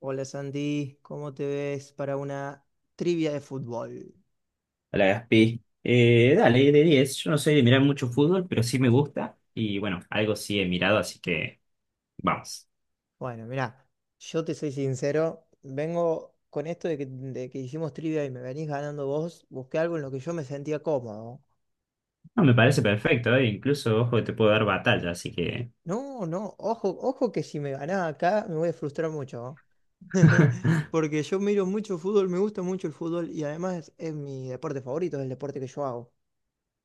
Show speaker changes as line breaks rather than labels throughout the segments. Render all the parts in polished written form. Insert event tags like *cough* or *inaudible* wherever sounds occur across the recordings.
Hola Sandy, ¿cómo te ves para una trivia de fútbol?
A Gaspi. Dale, de 10. Yo no soy de mirar mucho fútbol, pero sí me gusta. Y bueno, algo sí he mirado, así que vamos.
Bueno, mirá, yo te soy sincero, vengo con esto de que, hicimos trivia y me venís ganando vos, busqué algo en lo que yo me sentía cómodo.
No, me parece perfecto, incluso, ojo, que te puedo dar batalla, así que.
No, no, ojo, que si me ganás acá me voy a frustrar mucho, ¿no? *laughs*
*laughs*
Porque yo miro mucho fútbol, me gusta mucho el fútbol y además es mi deporte favorito, es el deporte que yo hago.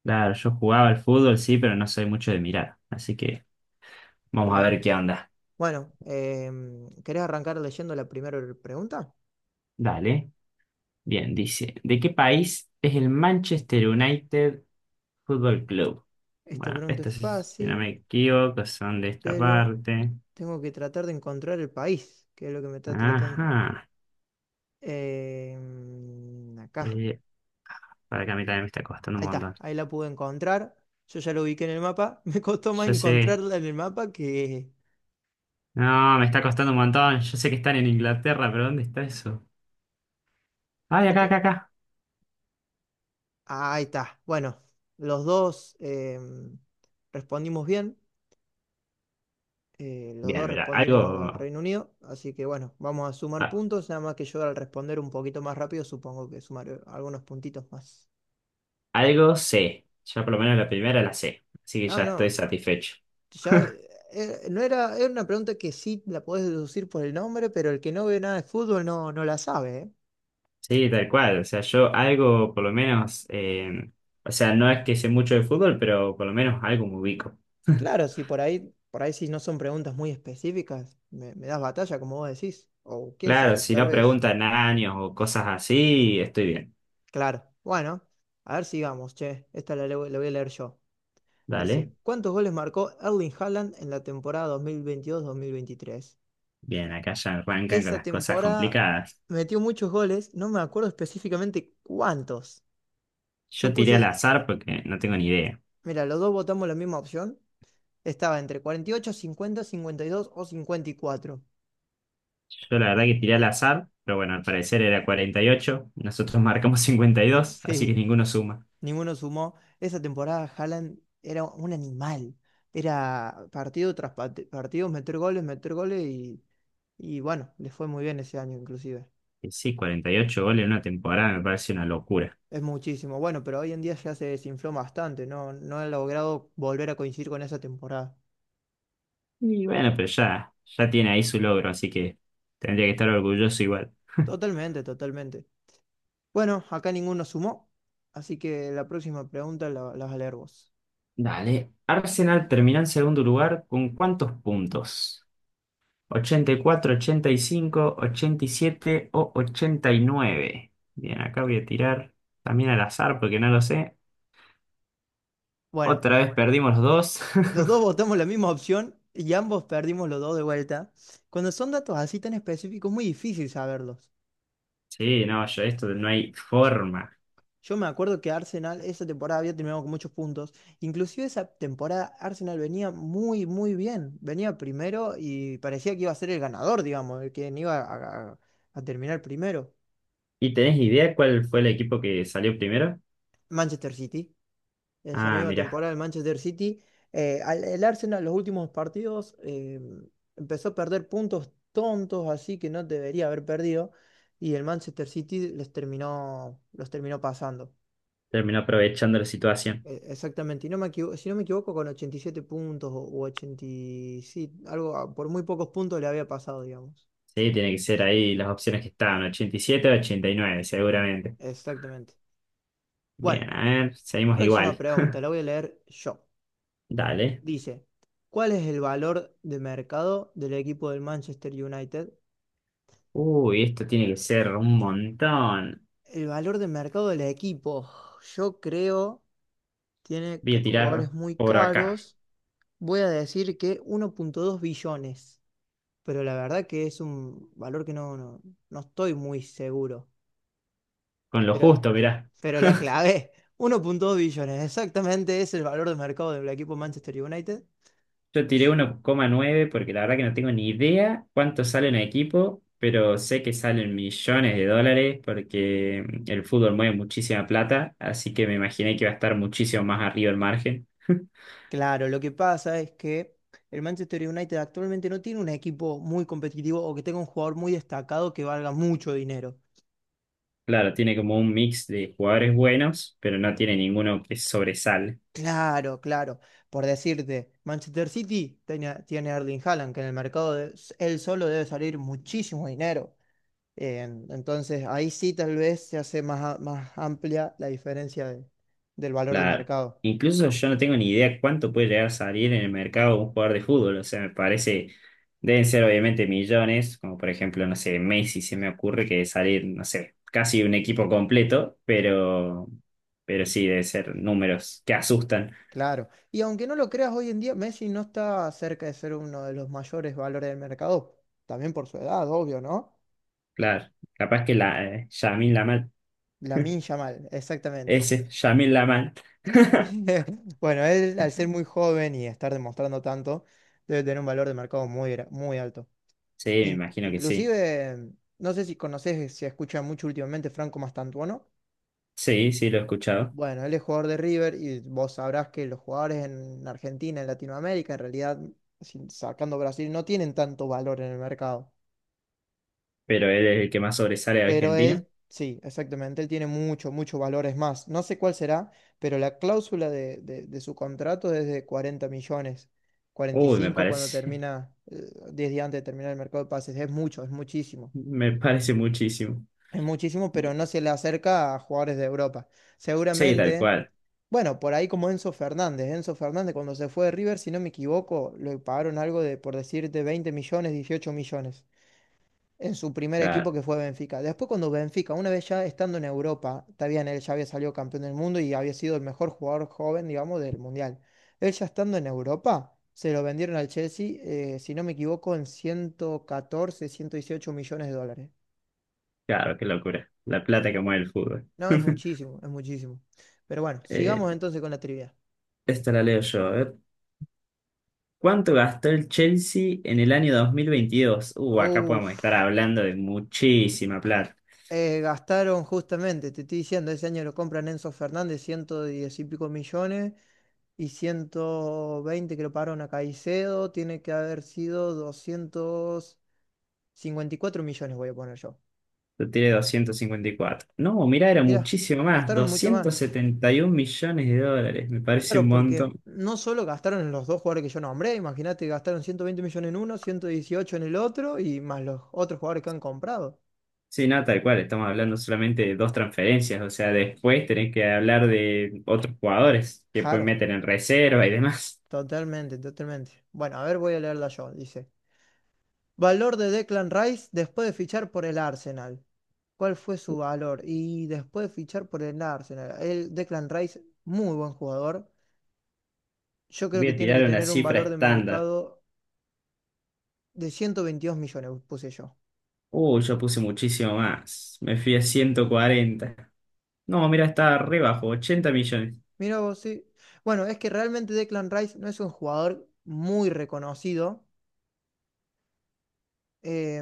Claro, yo jugaba al fútbol, sí, pero no soy mucho de mirar. Así que vamos a
Claro.
ver qué onda.
Bueno, ¿querés arrancar leyendo la primera pregunta?
Dale. Bien, dice, ¿de qué país es el Manchester United Football Club?
Esta
Bueno,
pregunta es
estos, si no me
fácil,
equivoco, son de esta
pero
parte.
tengo que tratar de encontrar el país, que es lo que me está tratando.
Ajá.
Acá,
Eh, para que a mí también me está costando
ahí
un
está,
montón.
ahí la pude encontrar. Yo ya lo ubiqué en el mapa. *laughs* Me costó más
Yo sé.
encontrarla en el mapa que...
No, me está costando un montón. Yo sé que están en Inglaterra, pero ¿dónde está eso? Ay,
vos
acá,
pe-
acá, acá.
Ah, ahí está. Bueno, los dos respondimos bien. Los
Bien,
dos
mira,
respondimos al Reino Unido. Así que bueno, vamos a sumar
a-
puntos. Nada más que yo, al responder un poquito más rápido, supongo que sumaré algunos puntitos más.
algo sé. Ya por lo menos la primera la sé. Así que
No,
ya estoy
no.
satisfecho.
Ya,
*laughs*
no era, era una pregunta que sí la podés deducir por el nombre, pero el que no ve nada de fútbol no, no la sabe, ¿eh?
Sí, tal cual. O sea, yo algo, por lo menos, o sea, no es que sé mucho de fútbol, pero por lo menos algo me ubico. *laughs*
Claro, si por ahí, por ahí si no son preguntas muy específicas, me das batalla, como vos decís. O quién
Claro,
sabe,
si
tal
no
vez.
preguntan años o cosas así, estoy bien.
Claro. Bueno, a ver, sigamos, che. Esta la, la voy a leer yo.
Dale.
Dice, ¿cuántos goles marcó Erling Haaland en la temporada dos mil veintidós mil veintitrés?
Bien, acá ya arrancan con
Esa
las cosas
temporada
complicadas.
metió muchos goles, no me acuerdo específicamente cuántos. Yo
Yo tiré al
puse...
azar porque no tengo ni idea.
Mira, los dos votamos la misma opción. Estaba entre 48, 50, 52 o 54.
Yo la verdad que tiré al azar, pero bueno, al parecer era 48. Nosotros marcamos *laughs* 52, así que
Sí,
ninguno suma.
ninguno sumó. Esa temporada Haaland era un animal. Era partido tras partido, meter goles y bueno, le fue muy bien ese año inclusive.
Y sí, 48 goles en una temporada me parece una locura.
Es muchísimo. Bueno, pero hoy en día ya se desinfló bastante. No, no ha logrado volver a coincidir con esa temporada.
Y bueno, pero ya, ya tiene ahí su logro, así que tendría que estar orgulloso igual. *laughs*
Totalmente, totalmente. Bueno, acá ninguno sumó. Así que la próxima pregunta la, la vas a leer vos.
Dale, Arsenal terminó en segundo lugar con ¿cuántos puntos? Ochenta y cuatro, 85, 87 o 89. Bien, acá voy a tirar también al azar porque no lo sé.
Bueno.
Otra vez perdimos los dos.
Los dos
*laughs*
votamos la misma opción y ambos perdimos los dos de vuelta. Cuando son datos así tan específicos, es muy difícil saberlos.
Sí, no, yo esto no hay forma.
Yo me acuerdo que Arsenal esa temporada había terminado con muchos puntos. Inclusive esa temporada Arsenal venía muy, muy bien. Venía primero y parecía que iba a ser el ganador, digamos, el que no iba a, a terminar primero.
¿Y tenés idea cuál fue el equipo que salió primero?
Manchester City, esa
Ah,
misma
mira,
temporada el Manchester City. El Arsenal, los últimos partidos, empezó a perder puntos tontos, así que no debería haber perdido. Y el Manchester City les terminó, los terminó pasando.
terminó aprovechando la situación.
Exactamente. Y no me si no me equivoco, con 87 puntos o 87, algo, ah, por muy pocos puntos le había pasado, digamos.
Sí, tiene que ser ahí las opciones que estaban, 87 o 89, seguramente.
Exactamente. Bueno,
Bien, a ver, seguimos
próxima
igual.
pregunta, la voy a leer yo.
Dale.
Dice, ¿cuál es el valor de mercado del equipo del Manchester United?
Uy, esto tiene que ser un montón.
El valor de mercado del equipo, yo creo, tiene
Voy a tirar
jugadores muy
por acá,
caros. Voy a decir que 1.2 billones, pero la verdad que es un valor que no, no, no estoy muy seguro.
con lo
Pero,
justo, mirá.
pero la clave, *laughs* 1.2 billones, exactamente es el valor de mercado del equipo Manchester United.
Yo tiré 1,9 porque la verdad que no tengo ni idea cuánto sale un equipo, pero sé que salen millones de dólares porque el fútbol mueve muchísima plata, así que me imaginé que iba a estar muchísimo más arriba el margen. *laughs*
Claro, lo que pasa es que el Manchester United actualmente no tiene un equipo muy competitivo o que tenga un jugador muy destacado que valga mucho dinero.
Claro, tiene como un mix de jugadores buenos, pero no tiene ninguno que sobresale.
Claro, claro. Por decirte, Manchester City tiene, tiene a Erling Haaland, que en el mercado él solo debe salir muchísimo dinero. Entonces ahí sí tal vez se hace más, más amplia la diferencia del valor de
Claro.
mercado.
Incluso yo no tengo ni idea cuánto puede llegar a salir en el mercado un jugador de fútbol. O sea, me parece, deben ser obviamente millones, como por ejemplo, no sé, Messi se me ocurre que salir, no sé, casi un equipo completo, pero sí, deben ser números que asustan.
Claro. Y aunque no lo creas, hoy en día Messi no está cerca de ser uno de los mayores valores del mercado. También por su edad, obvio, ¿no?
Claro. Capaz que la, Lamán, Lamal,
Lamine Yamal, exactamente.
ese, Lamán Lamal. *laughs*
*laughs* Bueno, él, al ser muy joven y estar demostrando tanto, debe tener un valor de mercado muy, muy alto.
Sí, me imagino que sí.
Inclusive, no sé si conoces, se escucha mucho últimamente Franco Mastantuono.
Sí, sí, lo he escuchado.
Bueno, él es jugador de River y vos sabrás que los jugadores en Argentina, en Latinoamérica, en realidad, sacando Brasil, no tienen tanto valor en el mercado.
Pero él es el que más sobresale de
Pero
Argentina.
él, sí, exactamente, él tiene mucho, mucho valor, es más. No sé cuál será, pero la cláusula de, de su contrato es de 40 millones,
Uy, me
45 cuando
parece,
termina, 10 días antes de terminar el mercado de pases. Es mucho, es muchísimo.
*laughs* me parece muchísimo.
Es muchísimo, pero no se le acerca a jugadores de Europa.
Sí, tal
Seguramente,
cual.
bueno, por ahí como Enzo Fernández. Enzo Fernández cuando se fue de River, si no me equivoco, le pagaron algo de, por decirte, 20 millones, 18 millones en su primer
Claro,
equipo que fue Benfica. Después, cuando Benfica, una vez ya estando en Europa, está bien, él ya había salido campeón del mundo y había sido el mejor jugador joven, digamos, del Mundial. Él, ya estando en Europa, se lo vendieron al Chelsea, si no me equivoco, en 114 118 millones de dólares.
claro, qué locura. La plata que mueve el fútbol.
No, es
*laughs*
muchísimo, es muchísimo. Pero bueno,
Eh,
sigamos entonces con la trivia.
esta la leo yo. A ver. ¿Cuánto gastó el Chelsea en el año 2022? Acá podemos
Uf,
estar hablando de muchísima plata.
gastaron justamente, te estoy diciendo, ese año lo compran Enzo Fernández, 110 y pico millones. Y 120 creo pagaron a Caicedo, tiene que haber sido 254 millones, voy a poner yo.
Yo tiré 254. No, mirá, era
Mirá,
muchísimo más.
gastaron mucho más.
271 millones de dólares. Me parece un
Claro, porque
montón.
no solo gastaron en los dos jugadores que yo nombré, imagínate, gastaron 120 millones en uno, 118 en el otro y más los otros jugadores que han comprado.
Sí, no, tal cual. Estamos hablando solamente de dos transferencias. O sea, después tenés que hablar de otros jugadores que pueden
Claro,
meter en reserva y demás.
totalmente, totalmente. Bueno, a ver, voy a leerla yo, dice. Valor de Declan Rice después de fichar por el Arsenal. ¿Cuál fue su valor? Y después de fichar por el Arsenal. El Declan Rice, muy buen jugador. Yo creo
Voy
que
a
tiene que
tirar una
tener un
cifra
valor de
estándar.
mercado de 122 millones, puse yo.
Uy, yo puse muchísimo más. Me fui a 140. No, mira, estaba re bajo, 80 millones.
Mira vos, sí. Bueno, es que realmente Declan Rice no es un jugador muy reconocido.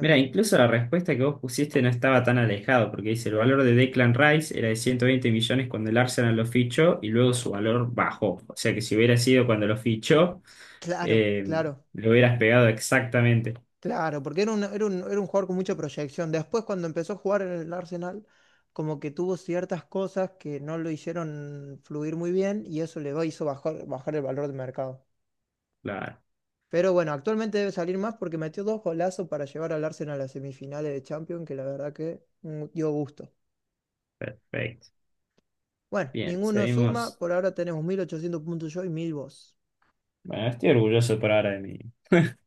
Mira, incluso la respuesta que vos pusiste no estaba tan alejado, porque dice, el valor de Declan Rice era de 120 millones cuando el Arsenal lo fichó y luego su valor bajó. O sea que si hubiera sido cuando lo fichó,
claro,
eh,
claro.
lo hubieras pegado exactamente.
Claro, porque era un, era un, era un jugador con mucha proyección. Después, cuando empezó a jugar en el Arsenal, como que tuvo ciertas cosas que no lo hicieron fluir muy bien y eso le hizo bajar, bajar el valor de mercado.
Claro,
Pero bueno, actualmente debe salir más porque metió dos golazos para llevar al Arsenal a las semifinales de Champions, que la verdad que dio gusto.
perfecto.
Bueno,
Bien,
ninguno suma,
seguimos.
por ahora tenemos 1.800 puntos yo y 1.000 vos.
Bueno, estoy orgulloso por ahora de mí. *laughs*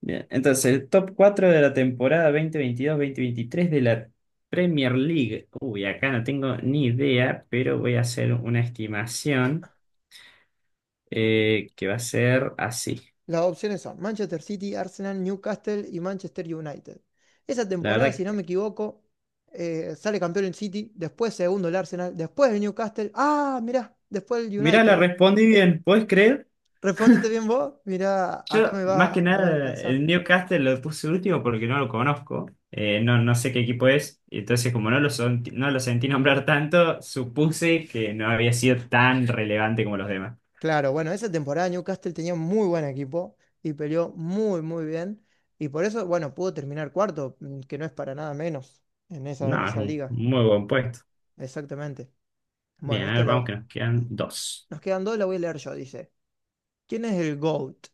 Bien, entonces el top 4 de la temporada 2022 veintitrés de la Premier League. Uy, acá no tengo ni idea, pero voy a hacer una estimación que va a ser así.
Las opciones son Manchester City, Arsenal, Newcastle y Manchester United. Esa
La
temporada, si
verdad
no
que.
me equivoco, sale campeón el City, después segundo el Arsenal, después el Newcastle. Ah, mirá, después el
Mirá, la
United.
respondí bien, ¿puedes creer?
¿Respondiste bien vos? Mirá, acá
Yo, más que
me va a
nada,
alcanzar.
el Newcastle lo puse último porque no lo conozco. No, no sé qué equipo es. Entonces, como no lo sentí *laughs* nombrar tanto, supuse que no había sido tan relevante como los demás.
Claro, bueno, esa temporada Newcastle tenía un muy buen equipo y peleó muy, muy bien. Y por eso, bueno, pudo terminar cuarto, que no es para nada menos en
No, es
esa
un
liga.
muy buen puesto.
Exactamente. Bueno,
Bien, a ver, vamos que nos quedan dos.
nos quedan dos, la voy a leer yo, dice. ¿Quién es el GOAT?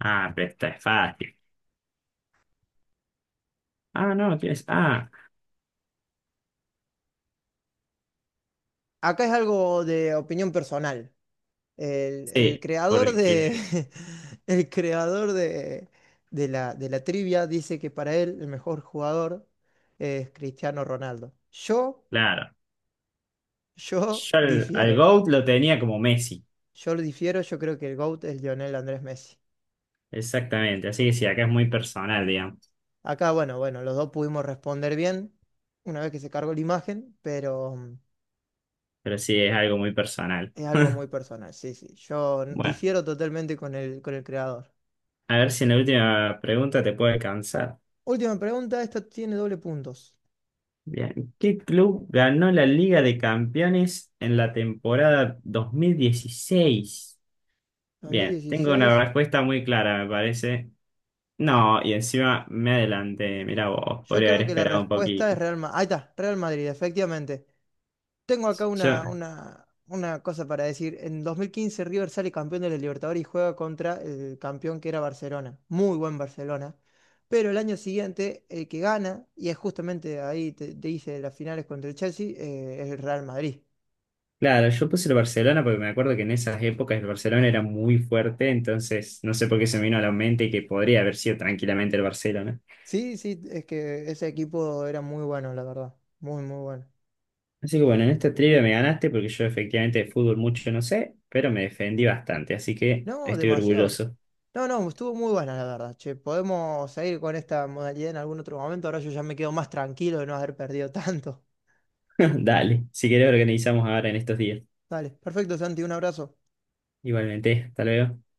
Ah, pero esta es fácil. Ah, no, tienes. Ah,
Acá es algo de opinión personal. El
sí,
creador de,
porque,
*laughs* el creador de la trivia dice que para él el mejor jugador es Cristiano Ronaldo. Yo,
claro.
yo
Yo al
difiero.
GOAT lo tenía como Messi.
Yo lo difiero, yo creo que el GOAT es Lionel Andrés Messi.
Exactamente. Así que sí, acá es muy personal, digamos.
Acá, bueno, bueno, los dos pudimos responder bien una vez que se cargó la imagen, pero
Pero sí, es algo muy personal.
es algo muy
*laughs*
personal. Sí, sí, yo
Bueno.
difiero totalmente con el creador.
A ver si en la última pregunta te puedo alcanzar.
Última pregunta, esta tiene doble puntos.
Bien. ¿Qué club ganó la Liga de Campeones en la temporada 2016? Bien, tengo una
2016.
respuesta muy clara, me parece. No, y encima me adelanté. Mirá vos,
Yo
podría haber
creo que la
esperado un
respuesta
poquito.
es Real Madrid. Ahí está, Real Madrid, efectivamente. Tengo acá
Yo,
una cosa para decir. En 2015 River sale campeón de la Libertadores y juega contra el campeón que era Barcelona. Muy buen Barcelona. Pero el año siguiente, el que gana, y es justamente ahí te, te hice las finales contra el Chelsea, es el Real Madrid.
claro, yo puse el Barcelona porque me acuerdo que en esas épocas el Barcelona era muy fuerte, entonces no sé por qué se me vino a la mente que podría haber sido tranquilamente el Barcelona.
Sí, sí, es que ese equipo era muy bueno, la verdad. Muy, muy bueno.
Así que bueno, en esta trivia me ganaste porque yo efectivamente de fútbol mucho no sé, pero me defendí bastante, así que
No,
estoy
demasiado.
orgulloso.
No, no, estuvo muy buena la verdad. Che, podemos seguir con esta modalidad en algún otro momento. Ahora yo ya me quedo más tranquilo de no haber perdido *laughs* tanto.
*laughs* Dale, si querés organizamos ahora en estos días.
Dale, perfecto, Santi, un abrazo.
Igualmente, hasta luego.